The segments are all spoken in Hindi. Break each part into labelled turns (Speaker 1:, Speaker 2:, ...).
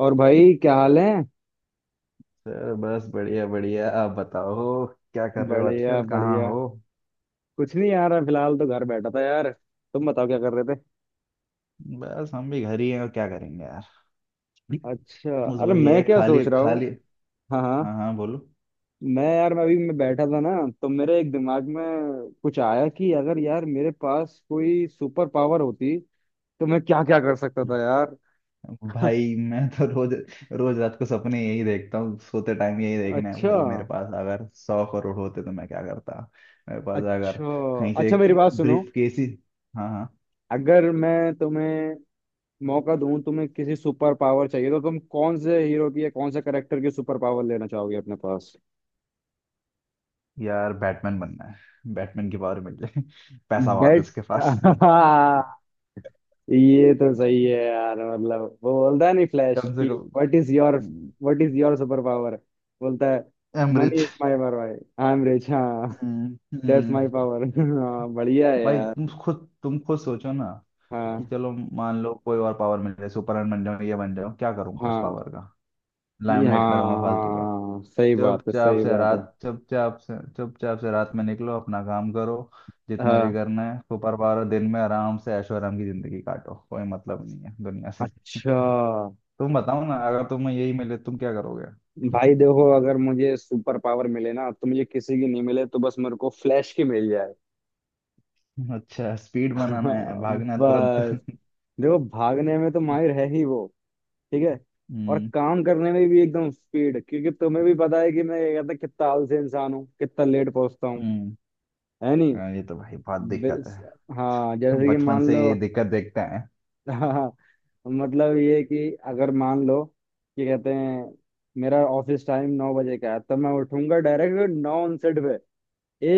Speaker 1: और भाई क्या हाल है?
Speaker 2: सर, बस बढ़िया बढ़िया। आप बताओ, क्या कर रहे हो
Speaker 1: बढ़िया
Speaker 2: आजकल? कहाँ
Speaker 1: बढ़िया।
Speaker 2: हो?
Speaker 1: कुछ नहीं यार, मैं फिलहाल तो घर बैठा था यार। तुम बताओ क्या कर रहे थे?
Speaker 2: बस हम भी घर ही हैं, और क्या करेंगे यार।
Speaker 1: अच्छा,
Speaker 2: बस
Speaker 1: अरे
Speaker 2: वही
Speaker 1: मैं
Speaker 2: है,
Speaker 1: क्या
Speaker 2: खाली
Speaker 1: सोच रहा हूँ।
Speaker 2: खाली।
Speaker 1: हाँ
Speaker 2: हाँ
Speaker 1: हाँ।
Speaker 2: हाँ, बोलो।
Speaker 1: मैं यार मैं अभी मैं बैठा था ना, तो मेरे एक दिमाग में कुछ आया कि अगर यार मेरे पास कोई सुपर पावर होती तो मैं क्या क्या कर सकता था यार।
Speaker 2: भाई मैं तो रोज रोज रात को सपने यही देखता हूँ, सोते टाइम यही देखना है।
Speaker 1: अच्छा।
Speaker 2: भाई मेरे पास अगर 100 करोड़ होते तो मैं क्या करता। मेरे पास अगर
Speaker 1: अच्छा।
Speaker 2: कहीं से
Speaker 1: अच्छा,
Speaker 2: एक
Speaker 1: मेरी बात सुनो।
Speaker 2: ब्रीफ केस ही। हाँ हाँ।
Speaker 1: अगर मैं तुम्हें मौका दूं, तुम्हें किसी सुपर पावर चाहिए तो तुम कौन से हीरो की या कौन से करेक्टर की सुपर पावर लेना चाहोगे अपने पास?
Speaker 2: यार, बैटमैन बनना है, बैटमैन की पावर मिल जाए। पैसा बहुत है
Speaker 1: बेट।
Speaker 2: उसके
Speaker 1: हाँ।
Speaker 2: पास,
Speaker 1: ये तो सही है यार, मतलब वो बोलता है नहीं, फ्लैश,
Speaker 2: कम
Speaker 1: कि
Speaker 2: से कम।
Speaker 1: What is your, what is your super power बोलता है, money
Speaker 2: am rich.
Speaker 1: Is my power भाई, आई एम रिच। हाँ।
Speaker 2: हम्म
Speaker 1: दैट्स माय
Speaker 2: हम्म।
Speaker 1: पावर। हाँ बढ़िया है
Speaker 2: भाई
Speaker 1: यार।
Speaker 2: तुम खुद सोचो ना, कि
Speaker 1: हाँ
Speaker 2: चलो, मान लो कोई और पावर मिल जाए, सुपरमैन बन जाऊं, ये बन जाऊं, क्या करूंगा इस
Speaker 1: हाँ।
Speaker 2: पावर का। लाइमलाइट में रहूंगा फालतू का।
Speaker 1: हाँ सही बात है,
Speaker 2: चुपचाप
Speaker 1: सही
Speaker 2: से
Speaker 1: बात है।
Speaker 2: रात में निकलो, अपना काम करो, जितना भी
Speaker 1: हाँ।
Speaker 2: करना है सुपर पावर, दिन में आराम से ऐशो आराम की जिंदगी काटो, कोई मतलब नहीं है दुनिया से।
Speaker 1: अच्छा।
Speaker 2: तुम बताओ ना, अगर तुम्हें यही मिले तुम क्या करोगे।
Speaker 1: भाई देखो, अगर मुझे सुपर पावर मिले ना तो मुझे किसी की नहीं मिले, तो बस मेरे को फ्लैश की मिल जाए।
Speaker 2: अच्छा, स्पीड बनाना है, भागना है तुरंत।
Speaker 1: बस। देखो भागने में तो माहिर है ही वो। ठीक है। और
Speaker 2: हम्म
Speaker 1: काम करने में भी एकदम स्पीड, क्योंकि तुम्हें भी पता है कि मैं ये कहता कितना आलसी इंसान हूँ, कितना लेट पहुंचता हूँ,
Speaker 2: हम्म।
Speaker 1: है नहीं।
Speaker 2: हाँ, ये तो भाई बहुत दिक्कत
Speaker 1: बिल-
Speaker 2: है,
Speaker 1: हाँ,
Speaker 2: हम
Speaker 1: जैसे कि
Speaker 2: बचपन
Speaker 1: मान
Speaker 2: से
Speaker 1: लो।
Speaker 2: ये दिक्कत देखते हैं।
Speaker 1: हाँ, मतलब ये कि अगर मान लो कि कहते हैं मेरा ऑफिस टाइम 9 बजे का है, तब मैं उठूंगा डायरेक्ट 9:59 पे।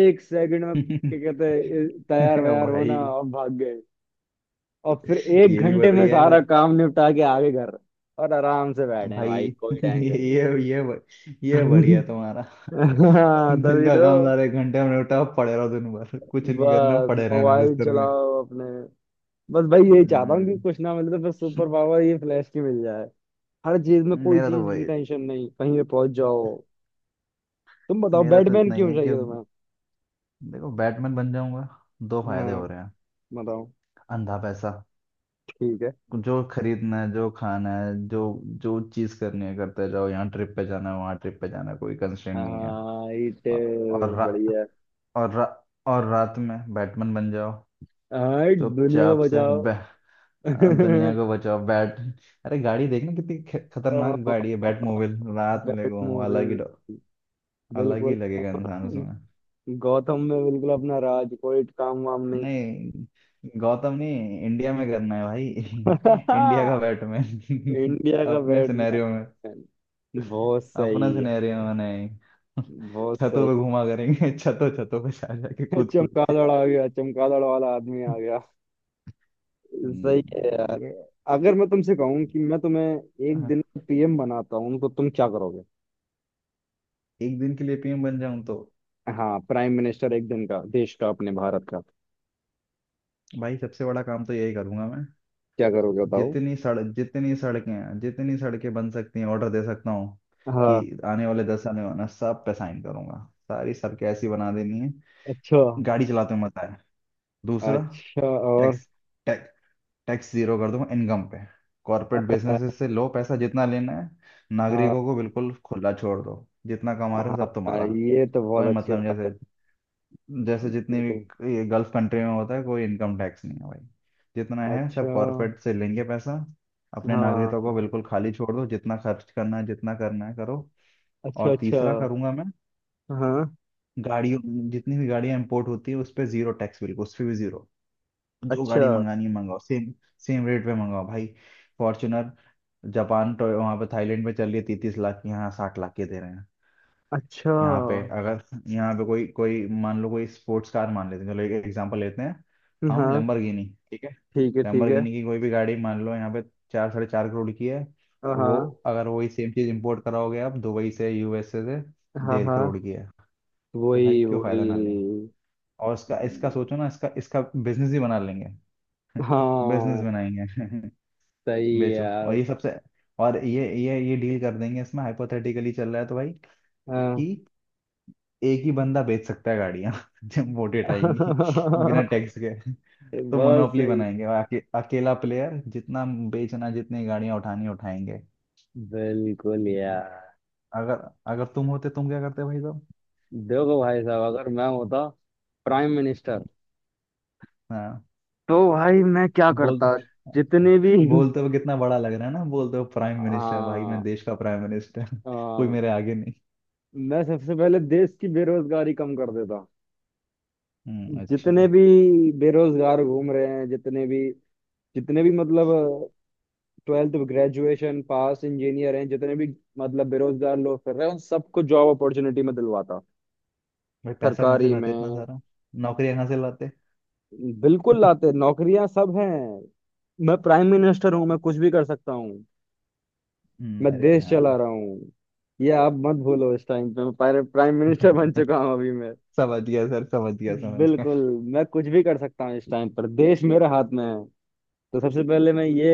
Speaker 1: 1 सेकंड में क्या कहते हैं तैयार वैयार होना
Speaker 2: भाई,
Speaker 1: और भाग गए, और फिर एक
Speaker 2: ये भी
Speaker 1: घंटे में
Speaker 2: बढ़िया है
Speaker 1: सारा
Speaker 2: सर।
Speaker 1: काम निपटा के आगे घर। और आराम से बैठे हैं
Speaker 2: भाई
Speaker 1: भाई, कोई
Speaker 2: ये
Speaker 1: टेंशन
Speaker 2: ये ये ब- ये
Speaker 1: नहीं।
Speaker 2: बढ़िया है तुम्हारा।
Speaker 1: हाँ
Speaker 2: दिन
Speaker 1: तभी
Speaker 2: का काम
Speaker 1: तो।
Speaker 2: सारे एक घंटे में निपटा, पड़े रहो दिन भर, कुछ नहीं करना,
Speaker 1: बस
Speaker 2: पड़े रहना
Speaker 1: मोबाइल
Speaker 2: बिस्तर में।
Speaker 1: चलाओ अपने। बस भाई यही चाहता हूँ कि
Speaker 2: हम्म।
Speaker 1: कुछ ना मिले तो बस सुपर पावर ये फ्लैश की मिल जाए। हर चीज में कोई
Speaker 2: मेरा तो
Speaker 1: चीज की
Speaker 2: वही
Speaker 1: टेंशन नहीं, कहीं पे पहुंच जाओ। तुम बताओ
Speaker 2: मेरा तो
Speaker 1: बैटमैन
Speaker 2: इतना ही
Speaker 1: क्यों
Speaker 2: है कि,
Speaker 1: चाहिए तुम्हें?
Speaker 2: देखो बैटमैन बन जाऊंगा, दो फायदे
Speaker 1: हाँ
Speaker 2: हो रहे हैं।
Speaker 1: बताओ।
Speaker 2: अंधा पैसा,
Speaker 1: ठीक है।
Speaker 2: जो खरीदना है, जो खाना है, जो जो चीज करनी है करते जाओ, यहाँ ट्रिप पे जाना है, वहाँ ट्रिप पे जाना है, कोई कंस्ट्रेंट नहीं है।
Speaker 1: हाँ इट।
Speaker 2: और
Speaker 1: बढ़िया है।
Speaker 2: और रा, और रात में बैटमैन बन जाओ,
Speaker 1: हाँ दुनिया को
Speaker 2: चुपचाप से
Speaker 1: बचाओ।
Speaker 2: दुनिया को बचाओ। बैट अरे गाड़ी देखना, कितनी खतरनाक गाड़ी है बैटमोबाइल, रात में
Speaker 1: बैट।
Speaker 2: लेके घूमो, अलग
Speaker 1: बिल्कुल।
Speaker 2: ही लगेगा इंसान उसमें।
Speaker 1: गौतम में बिल्कुल अपना राज, कोई काम वाम नहीं।
Speaker 2: नहीं गौतम नहीं, इंडिया में करना है भाई। इंडिया का बैटमैन।
Speaker 1: इंडिया का
Speaker 2: अपने सिनेरियो में,
Speaker 1: बैटमैन। बहुत
Speaker 2: अपना
Speaker 1: सही है।
Speaker 2: सिनेरियो में नहीं।
Speaker 1: बहुत
Speaker 2: छतों
Speaker 1: सही
Speaker 2: पे घुमा करेंगे। छतों छतों पे जा जाके
Speaker 1: है।
Speaker 2: कूद कूद के।
Speaker 1: चमगादड़ आ गया, चमगादड़ वाला आदमी आ गया। सही है यार।
Speaker 2: ये।
Speaker 1: अगर मैं तुमसे कहूं कि मैं तुम्हें एक
Speaker 2: हाँ,
Speaker 1: दिन पीएम बनाता हूं तो तुम क्या करोगे?
Speaker 2: एक दिन के लिए पीएम बन जाऊं तो
Speaker 1: हाँ प्राइम मिनिस्टर, एक दिन का देश का, अपने भारत का।
Speaker 2: भाई सबसे बड़ा काम तो यही करूंगा मैं।
Speaker 1: क्या करोगे बताओ?
Speaker 2: जितनी सड़कें हैं, जितनी सड़कें बन सकती हैं, ऑर्डर दे सकता हूँ कि
Speaker 1: हाँ।
Speaker 2: आने वाले दस, आने वाला सब पे साइन करूंगा, सारी सड़कें ऐसी बना देनी है,
Speaker 1: अच्छा
Speaker 2: गाड़ी चलाते हुए मजा है। दूसरा,
Speaker 1: अच्छा। और?
Speaker 2: टैक्स टैक्स टैक्स जीरो कर दूंगा इनकम पे। कॉर्पोरेट
Speaker 1: हाँ।
Speaker 2: बिजनेसेस से लो पैसा, जितना लेना है।
Speaker 1: हाँ।
Speaker 2: नागरिकों को बिल्कुल खुला छोड़ दो, जितना कमा रहे हो सब
Speaker 1: हाँ,
Speaker 2: तुम्हारा।
Speaker 1: ये तो बहुत
Speaker 2: कोई
Speaker 1: अच्छी
Speaker 2: मतलब नहीं, जैसे
Speaker 1: बात।
Speaker 2: जैसे जितनी
Speaker 1: बिल्कुल।
Speaker 2: भी ये गल्फ कंट्री में होता है, कोई इनकम टैक्स नहीं है भाई, जितना है सब
Speaker 1: अच्छा।
Speaker 2: कॉर्पोरेट से लेंगे पैसा, अपने
Speaker 1: हाँ।
Speaker 2: नागरिकों को बिल्कुल खाली छोड़ दो, जितना खर्च करना है, जितना करना है करो।
Speaker 1: अच्छा
Speaker 2: और
Speaker 1: अच्छा।
Speaker 2: तीसरा करूंगा मैं,
Speaker 1: हाँ।
Speaker 2: गाड़ियों जितनी भी गाड़ियां इंपोर्ट होती है उस पर जीरो टैक्स, बिल्कुल उस पर भी जीरो, जो
Speaker 1: अच्छा
Speaker 2: गाड़ी मंगानी है मंगाओ, सेम सेम रेट पे मंगाओ भाई। फॉर्च्यूनर जापान, तो वहां पे थाईलैंड में चल रही है 33 लाख की, यहाँ 60 लाख की दे रहे हैं।
Speaker 1: अच्छा।
Speaker 2: यहाँ पे अगर यहाँ पे कोई कोई मान लो, कोई स्पोर्ट्स कार मान लेते हैं, चलो एक एग्जांपल लेते हैं, हम
Speaker 1: हाँ।
Speaker 2: लैम्बोर्गिनी, ठीक है,
Speaker 1: ठीक है ठीक है।
Speaker 2: लैम्बोर्गिनी की कोई भी गाड़ी मान लो, यहाँ पे चार, साढ़े चार करोड़ की है।
Speaker 1: हाँ
Speaker 2: वो,
Speaker 1: हाँ।
Speaker 2: अगर वही सेम चीज इंपोर्ट कराओगे आप दुबई से, यूएसए से,
Speaker 1: हाँ।
Speaker 2: डेढ़
Speaker 1: हाँ,
Speaker 2: करोड़ की है। तो भाई
Speaker 1: वही
Speaker 2: क्यों फायदा ना लें।
Speaker 1: वही।
Speaker 2: और इसका इसका सोचो ना, इसका इसका बिजनेस ही बना लेंगे। बिजनेस
Speaker 1: हाँ
Speaker 2: बनाएंगे।
Speaker 1: सही है
Speaker 2: बेचो। और
Speaker 1: यार।
Speaker 2: ये सबसे, और ये डील कर देंगे इसमें, हाइपोथेटिकली चल रहा है तो भाई,
Speaker 1: हाँ।
Speaker 2: कि एक ही बंदा बेच सकता है गाड़ियां। जब वोटें आएंगी, बिना टैक्स के, तो
Speaker 1: बहुत
Speaker 2: मोनोपोली
Speaker 1: सही।
Speaker 2: बनाएंगे आके, अकेला प्लेयर, जितना बेचना, जितनी गाड़ियां उठानी उठाएंगे।
Speaker 1: बिल्कुल यार।
Speaker 2: अगर अगर तुम होते तुम क्या करते भाई साहब।
Speaker 1: देखो भाई साहब, अगर मैं होता प्राइम मिनिस्टर
Speaker 2: हाँ,
Speaker 1: तो भाई मैं क्या
Speaker 2: बोल।
Speaker 1: करता। जितने भी।
Speaker 2: बोलते हुए कितना बड़ा लग रहा है ना, बोलते हुए प्राइम मिनिस्टर, भाई मैं
Speaker 1: हाँ।
Speaker 2: देश का प्राइम मिनिस्टर, कोई
Speaker 1: हाँ,
Speaker 2: मेरे आगे नहीं।
Speaker 1: मैं सबसे पहले देश की बेरोजगारी कम कर देता।
Speaker 2: अच्छा।
Speaker 1: जितने भी बेरोजगार घूम रहे हैं, जितने भी, जितने भी मतलब ट्वेल्थ ग्रेजुएशन पास इंजीनियर हैं, जितने भी मतलब बेरोजगार लोग कर रहे हैं उन सबको जॉब अपॉर्चुनिटी में दिलवाता।
Speaker 2: भाई पैसा कहाँ से
Speaker 1: सरकारी में।
Speaker 2: लाते इतना सारा, नौकरियां कहाँ से लाते।
Speaker 1: बिल्कुल लाते नौकरियां, सब हैं। मैं प्राइम मिनिस्टर हूँ, मैं कुछ भी कर सकता हूँ। मैं
Speaker 2: अरे
Speaker 1: देश चला
Speaker 2: हाँ।
Speaker 1: रहा हूँ, ये आप मत भूलो इस टाइम पे। मैं प्राइम मिनिस्टर बन चुका हूँ अभी मैं।
Speaker 2: समझ गया सर, समझ गया, समझ गया।
Speaker 1: बिल्कुल। मैं कुछ भी कर सकता हूँ इस टाइम पर, देश मेरे हाथ में है। तो सबसे पहले मैं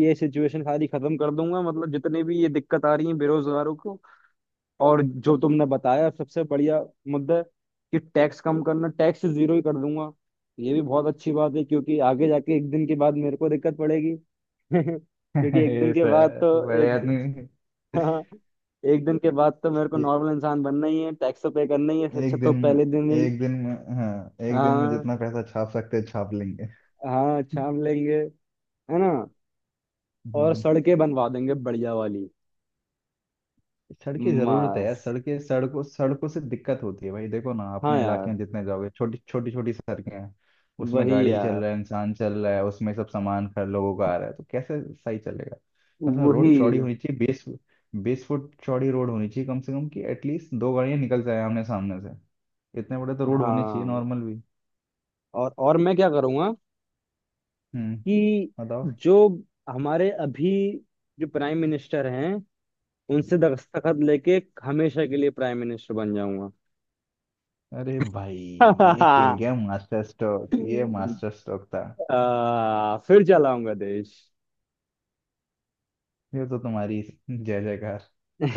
Speaker 1: ये सिचुएशन सारी खत्म कर दूंगा, मतलब जितने भी ये दिक्कत आ रही है बेरोजगारों को। और जो तुमने बताया सबसे बढ़िया मुद्दा है कि टैक्स कम करना, टैक्स जीरो ही कर दूंगा। ये भी बहुत अच्छी बात है क्योंकि आगे जाके एक दिन के बाद मेरे को दिक्कत पड़ेगी। क्योंकि एक दिन
Speaker 2: ये
Speaker 1: के बाद
Speaker 2: सर
Speaker 1: तो
Speaker 2: बड़े आदमी।
Speaker 1: एक एक दिन के बाद तो मेरे को
Speaker 2: ये
Speaker 1: नॉर्मल इंसान बनना ही है, टैक्स तो पे करना ही है। अच्छा
Speaker 2: एक दिन
Speaker 1: तो
Speaker 2: में,
Speaker 1: पहले दिन ही।
Speaker 2: एक दिन में, हाँ, एक दिन में
Speaker 1: हाँ,
Speaker 2: जितना पैसा छाप सकते हैं छाप लेंगे।
Speaker 1: हाँ छाप लेंगे। है ना। और
Speaker 2: हम्म।
Speaker 1: सड़कें बनवा देंगे बढ़िया वाली।
Speaker 2: सड़क की जरूरत है यार,
Speaker 1: मस्त।
Speaker 2: सड़कें सड़कों सड़कों से दिक्कत होती है भाई, देखो ना
Speaker 1: हाँ
Speaker 2: अपने इलाके
Speaker 1: यार।
Speaker 2: में जितने जाओगे छोटी छोटी छोटी सड़कें हैं, उसमें
Speaker 1: वही
Speaker 2: गाड़ी चल
Speaker 1: यार
Speaker 2: रहा है, इंसान चल रहा है, उसमें सब सामान खर लोगों का आ रहा है, तो कैसे सही चलेगा। कम से कम रोड चौड़ी
Speaker 1: वही।
Speaker 2: होनी चाहिए बीस, 20 फुट चौड़ी रोड होनी चाहिए कम से कम, कि एटलीस्ट दो गाड़ियां निकल जाए आमने सामने से, इतने बड़े तो रोड होने चाहिए
Speaker 1: हाँ।
Speaker 2: नॉर्मल भी।
Speaker 1: और मैं क्या करूँगा
Speaker 2: हम्म,
Speaker 1: कि
Speaker 2: बताओ।
Speaker 1: जो हमारे अभी, जो प्राइम मिनिस्टर हैं, उनसे दस्तखत लेके हमेशा के लिए प्राइम मिनिस्टर बन जाऊंगा।
Speaker 2: अरे भाई, ये खेल गया मास्टर स्ट्रोक, ये मास्टर स्ट्रोक था।
Speaker 1: आ, फिर चलाऊंगा देश।
Speaker 2: ये तो तुम्हारी जय जयकार,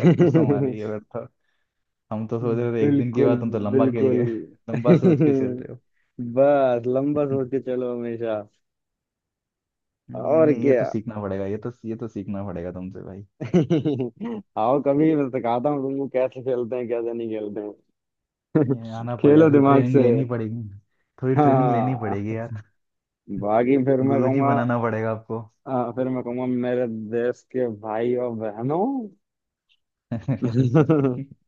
Speaker 2: सब कुछ तुम्हारे। ये बताओ, हम तो सोच रहे थे एक दिन के
Speaker 1: बिल्कुल
Speaker 2: बाद, तुम तो लंबा खेल
Speaker 1: बिल्कुल।
Speaker 2: गए। लंबा सोच के चल रहे हो।
Speaker 1: बस लंबा सोच के चलो हमेशा।
Speaker 2: ये
Speaker 1: और
Speaker 2: नहीं, ये तो
Speaker 1: क्या।
Speaker 2: सीखना पड़ेगा, ये तो सीखना पड़ेगा तुमसे भाई।
Speaker 1: आओ कभी मैं सिखाता हूँ तुमको कैसे खेलते हैं, कैसे नहीं खेलते हैं।
Speaker 2: ये आना पड़ेगा,
Speaker 1: खेलो
Speaker 2: थोड़ी
Speaker 1: दिमाग
Speaker 2: ट्रेनिंग
Speaker 1: से।
Speaker 2: लेनी पड़ेगी थोड़ी ट्रेनिंग लेनी
Speaker 1: हाँ,
Speaker 2: पड़ेगी यार।
Speaker 1: बाकी फिर मैं
Speaker 2: गुरुजी
Speaker 1: कहूंगा।
Speaker 2: बनाना पड़ेगा आपको।
Speaker 1: हाँ, फिर मैं कहूंगा मेरे देश के भाई और बहनों।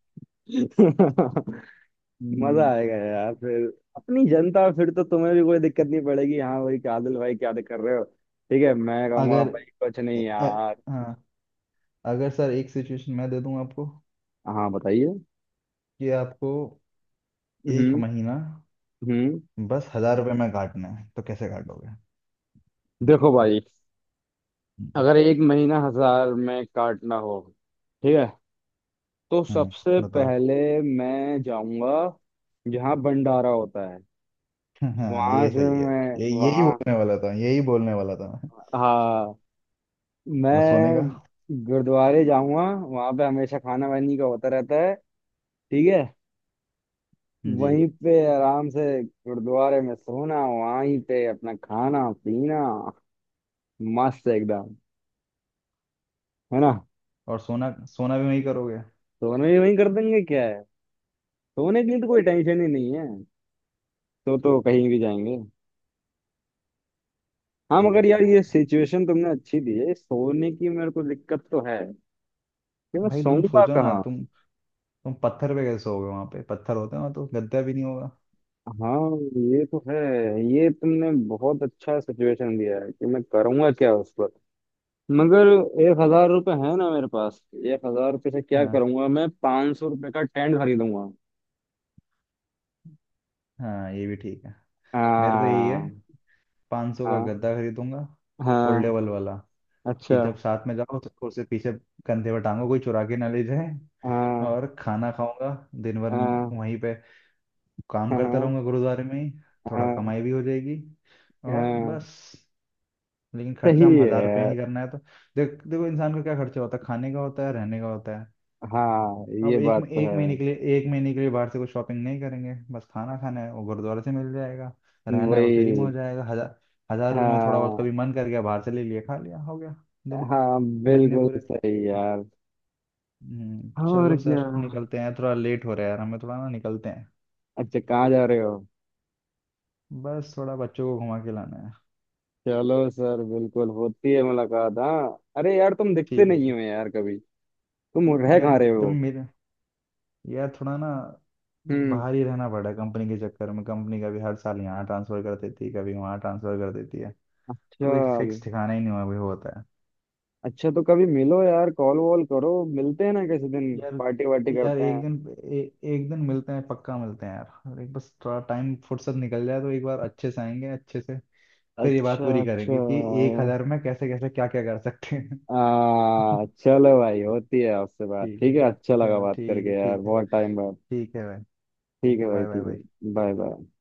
Speaker 1: मजा
Speaker 2: हम्म,
Speaker 1: आएगा यार फिर। अपनी जनता, फिर तो तुम्हें भी कोई दिक्कत नहीं पड़ेगी, हाँ भाई, क्या आदिल भाई क्या कर रहे हो। ठीक है, मैं कहूंगा
Speaker 2: अगर
Speaker 1: भाई कुछ
Speaker 2: अ-
Speaker 1: नहीं
Speaker 2: अ-
Speaker 1: यार।
Speaker 2: हाँ, अगर सर एक सिचुएशन मैं दे दूं आपको,
Speaker 1: हाँ बताइए।
Speaker 2: कि आपको एक
Speaker 1: हम्म
Speaker 2: महीना
Speaker 1: हम्म।
Speaker 2: बस हजार रुपये में काटना है, तो कैसे काटोगे।
Speaker 1: देखो भाई,
Speaker 2: हम्म
Speaker 1: अगर एक महीना 1,000 में काटना हो, ठीक है, तो
Speaker 2: हम्म,
Speaker 1: सबसे
Speaker 2: बताओ।
Speaker 1: पहले मैं जाऊंगा जहाँ भंडारा होता है।
Speaker 2: हाँ,
Speaker 1: वहां
Speaker 2: ये
Speaker 1: से
Speaker 2: सही है,
Speaker 1: मैं,
Speaker 2: ये यही
Speaker 1: वहाँ,
Speaker 2: बोलने वाला था, यही बोलने वाला था मैं।
Speaker 1: हाँ,
Speaker 2: और सोने
Speaker 1: मैं
Speaker 2: का।
Speaker 1: गुरुद्वारे जाऊंगा। वहां पे हमेशा खाना वानी का होता रहता है। ठीक है।
Speaker 2: जी।
Speaker 1: वहीं पे आराम से गुरुद्वारे में सोना, वहीं पे अपना खाना पीना। मस्त एकदम। है ना।
Speaker 2: और सोना सोना भी वही करोगे?
Speaker 1: सोना भी वहीं कर देंगे, क्या है सोने के लिए तो कोई टेंशन ही नहीं है, तो कहीं भी जाएंगे। हाँ
Speaker 2: ये
Speaker 1: मगर यार
Speaker 2: बढ़िया
Speaker 1: ये
Speaker 2: है।
Speaker 1: सिचुएशन तुमने अच्छी दी है, सोने की मेरे को दिक्कत तो है कि मैं
Speaker 2: भाई तुम
Speaker 1: सोऊंगा
Speaker 2: सोचो ना,
Speaker 1: कहाँ।
Speaker 2: तुम पत्थर पे कैसे सोओगे, वहां पे पत्थर होते हैं ना, तो गद्दा भी नहीं होगा।
Speaker 1: हाँ ये तो है। ये तुमने बहुत अच्छा सिचुएशन दिया है कि मैं करूंगा क्या उस पर। मगर 1,000 रुपये है ना मेरे पास। 1,000 रुपये से क्या
Speaker 2: हाँ
Speaker 1: करूंगा, मैं 500 रुपये का टेंट खरीदूंगा।
Speaker 2: हाँ, ये भी ठीक है। मेरा तो यही है,
Speaker 1: हाँ
Speaker 2: 500 सौ का
Speaker 1: हाँ
Speaker 2: गद्दा खरीदूंगा,
Speaker 1: हाँ।
Speaker 2: फोल्डेबल वाला, कि जब
Speaker 1: अच्छा।
Speaker 2: साथ में जाओ तो उसे पीछे कंधे पर टांगो, कोई चुरा के ना ले जाए।
Speaker 1: हाँ
Speaker 2: और खाना खाऊंगा दिन भर
Speaker 1: हाँ
Speaker 2: वहीं पे, काम
Speaker 1: हाँ हाँ
Speaker 2: करता रहूंगा गुरुद्वारे में ही, थोड़ा कमाई भी हो जाएगी। और
Speaker 1: हाँ।
Speaker 2: बस, लेकिन
Speaker 1: सही
Speaker 2: खर्चा हम
Speaker 1: है
Speaker 2: हजार रुपये ही
Speaker 1: यार।
Speaker 2: करना है तो, देखो इंसान का क्या खर्चा होता है, खाने का होता है, रहने का होता है,
Speaker 1: हाँ
Speaker 2: अब
Speaker 1: ये
Speaker 2: एक
Speaker 1: बात तो
Speaker 2: एक
Speaker 1: है।
Speaker 2: महीने के लिए एक महीने के लिए बाहर से कुछ शॉपिंग नहीं करेंगे। बस खाना खाना है वो गुरुद्वारे से मिल जाएगा, रहना है वो फ्री में हो
Speaker 1: वही।
Speaker 2: जाएगा, हजार, हजार रुपये में थोड़ा बहुत कभी
Speaker 1: हाँ
Speaker 2: मन कर गया बाहर से ले लिया, खा लिया, हो गया दिन,
Speaker 1: हाँ
Speaker 2: महीने
Speaker 1: बिल्कुल
Speaker 2: पूरे।
Speaker 1: सही यार। और
Speaker 2: चलो
Speaker 1: क्या।
Speaker 2: सर निकलते हैं, थोड़ा लेट हो रहा है यार, हमें थोड़ा ना निकलते हैं।
Speaker 1: अच्छा कहाँ जा रहे हो?
Speaker 2: बस थोड़ा बच्चों को घुमा के लाना है।
Speaker 1: चलो सर, बिल्कुल, होती है मुलाकात। हाँ अरे यार तुम दिखते
Speaker 2: ठीक है,
Speaker 1: नहीं
Speaker 2: ठीक।
Speaker 1: हो यार कभी। तुम रह
Speaker 2: यार
Speaker 1: कहाँ रहे हो?
Speaker 2: कभी मेरे यार थोड़ा ना,
Speaker 1: हम्म।
Speaker 2: बाहर ही रहना पड़ा कंपनी के चक्कर में, कंपनी कभी हर साल यहाँ ट्रांसफर कर देती है, कभी वहाँ ट्रांसफर कर देती है, तो कोई
Speaker 1: चल।
Speaker 2: फिक्स ठिकाना ही नहीं हुआ, अभी होता है।
Speaker 1: अच्छा तो कभी मिलो यार, कॉल वॉल करो, मिलते हैं ना किसी दिन
Speaker 2: यार,
Speaker 1: पार्टी वार्टी
Speaker 2: यार
Speaker 1: करते
Speaker 2: एक
Speaker 1: हैं।
Speaker 2: दिन, एक दिन मिलते हैं, पक्का मिलते हैं यार, और एक, बस थोड़ा टाइम फुर्सत निकल जाए, तो एक बार अच्छे से आएंगे, अच्छे से फिर ये बात
Speaker 1: अच्छा
Speaker 2: पूरी
Speaker 1: अच्छा।
Speaker 2: करेंगे कि एक हजार में कैसे कैसे क्या क्या कर सकते हैं।
Speaker 1: आ चलो भाई, होती है आपसे बात।
Speaker 2: ठीक
Speaker 1: ठीक है,
Speaker 2: है,
Speaker 1: अच्छा लगा
Speaker 2: चलो
Speaker 1: बात
Speaker 2: ठीक है,
Speaker 1: करके यार,
Speaker 2: ठीक है,
Speaker 1: बहुत टाइम बाद।
Speaker 2: ठीक है भाई,
Speaker 1: ठीक
Speaker 2: ठीक
Speaker 1: है
Speaker 2: है,
Speaker 1: भाई,
Speaker 2: बाय बाय
Speaker 1: ठीक
Speaker 2: बाय।
Speaker 1: है। Bye bye.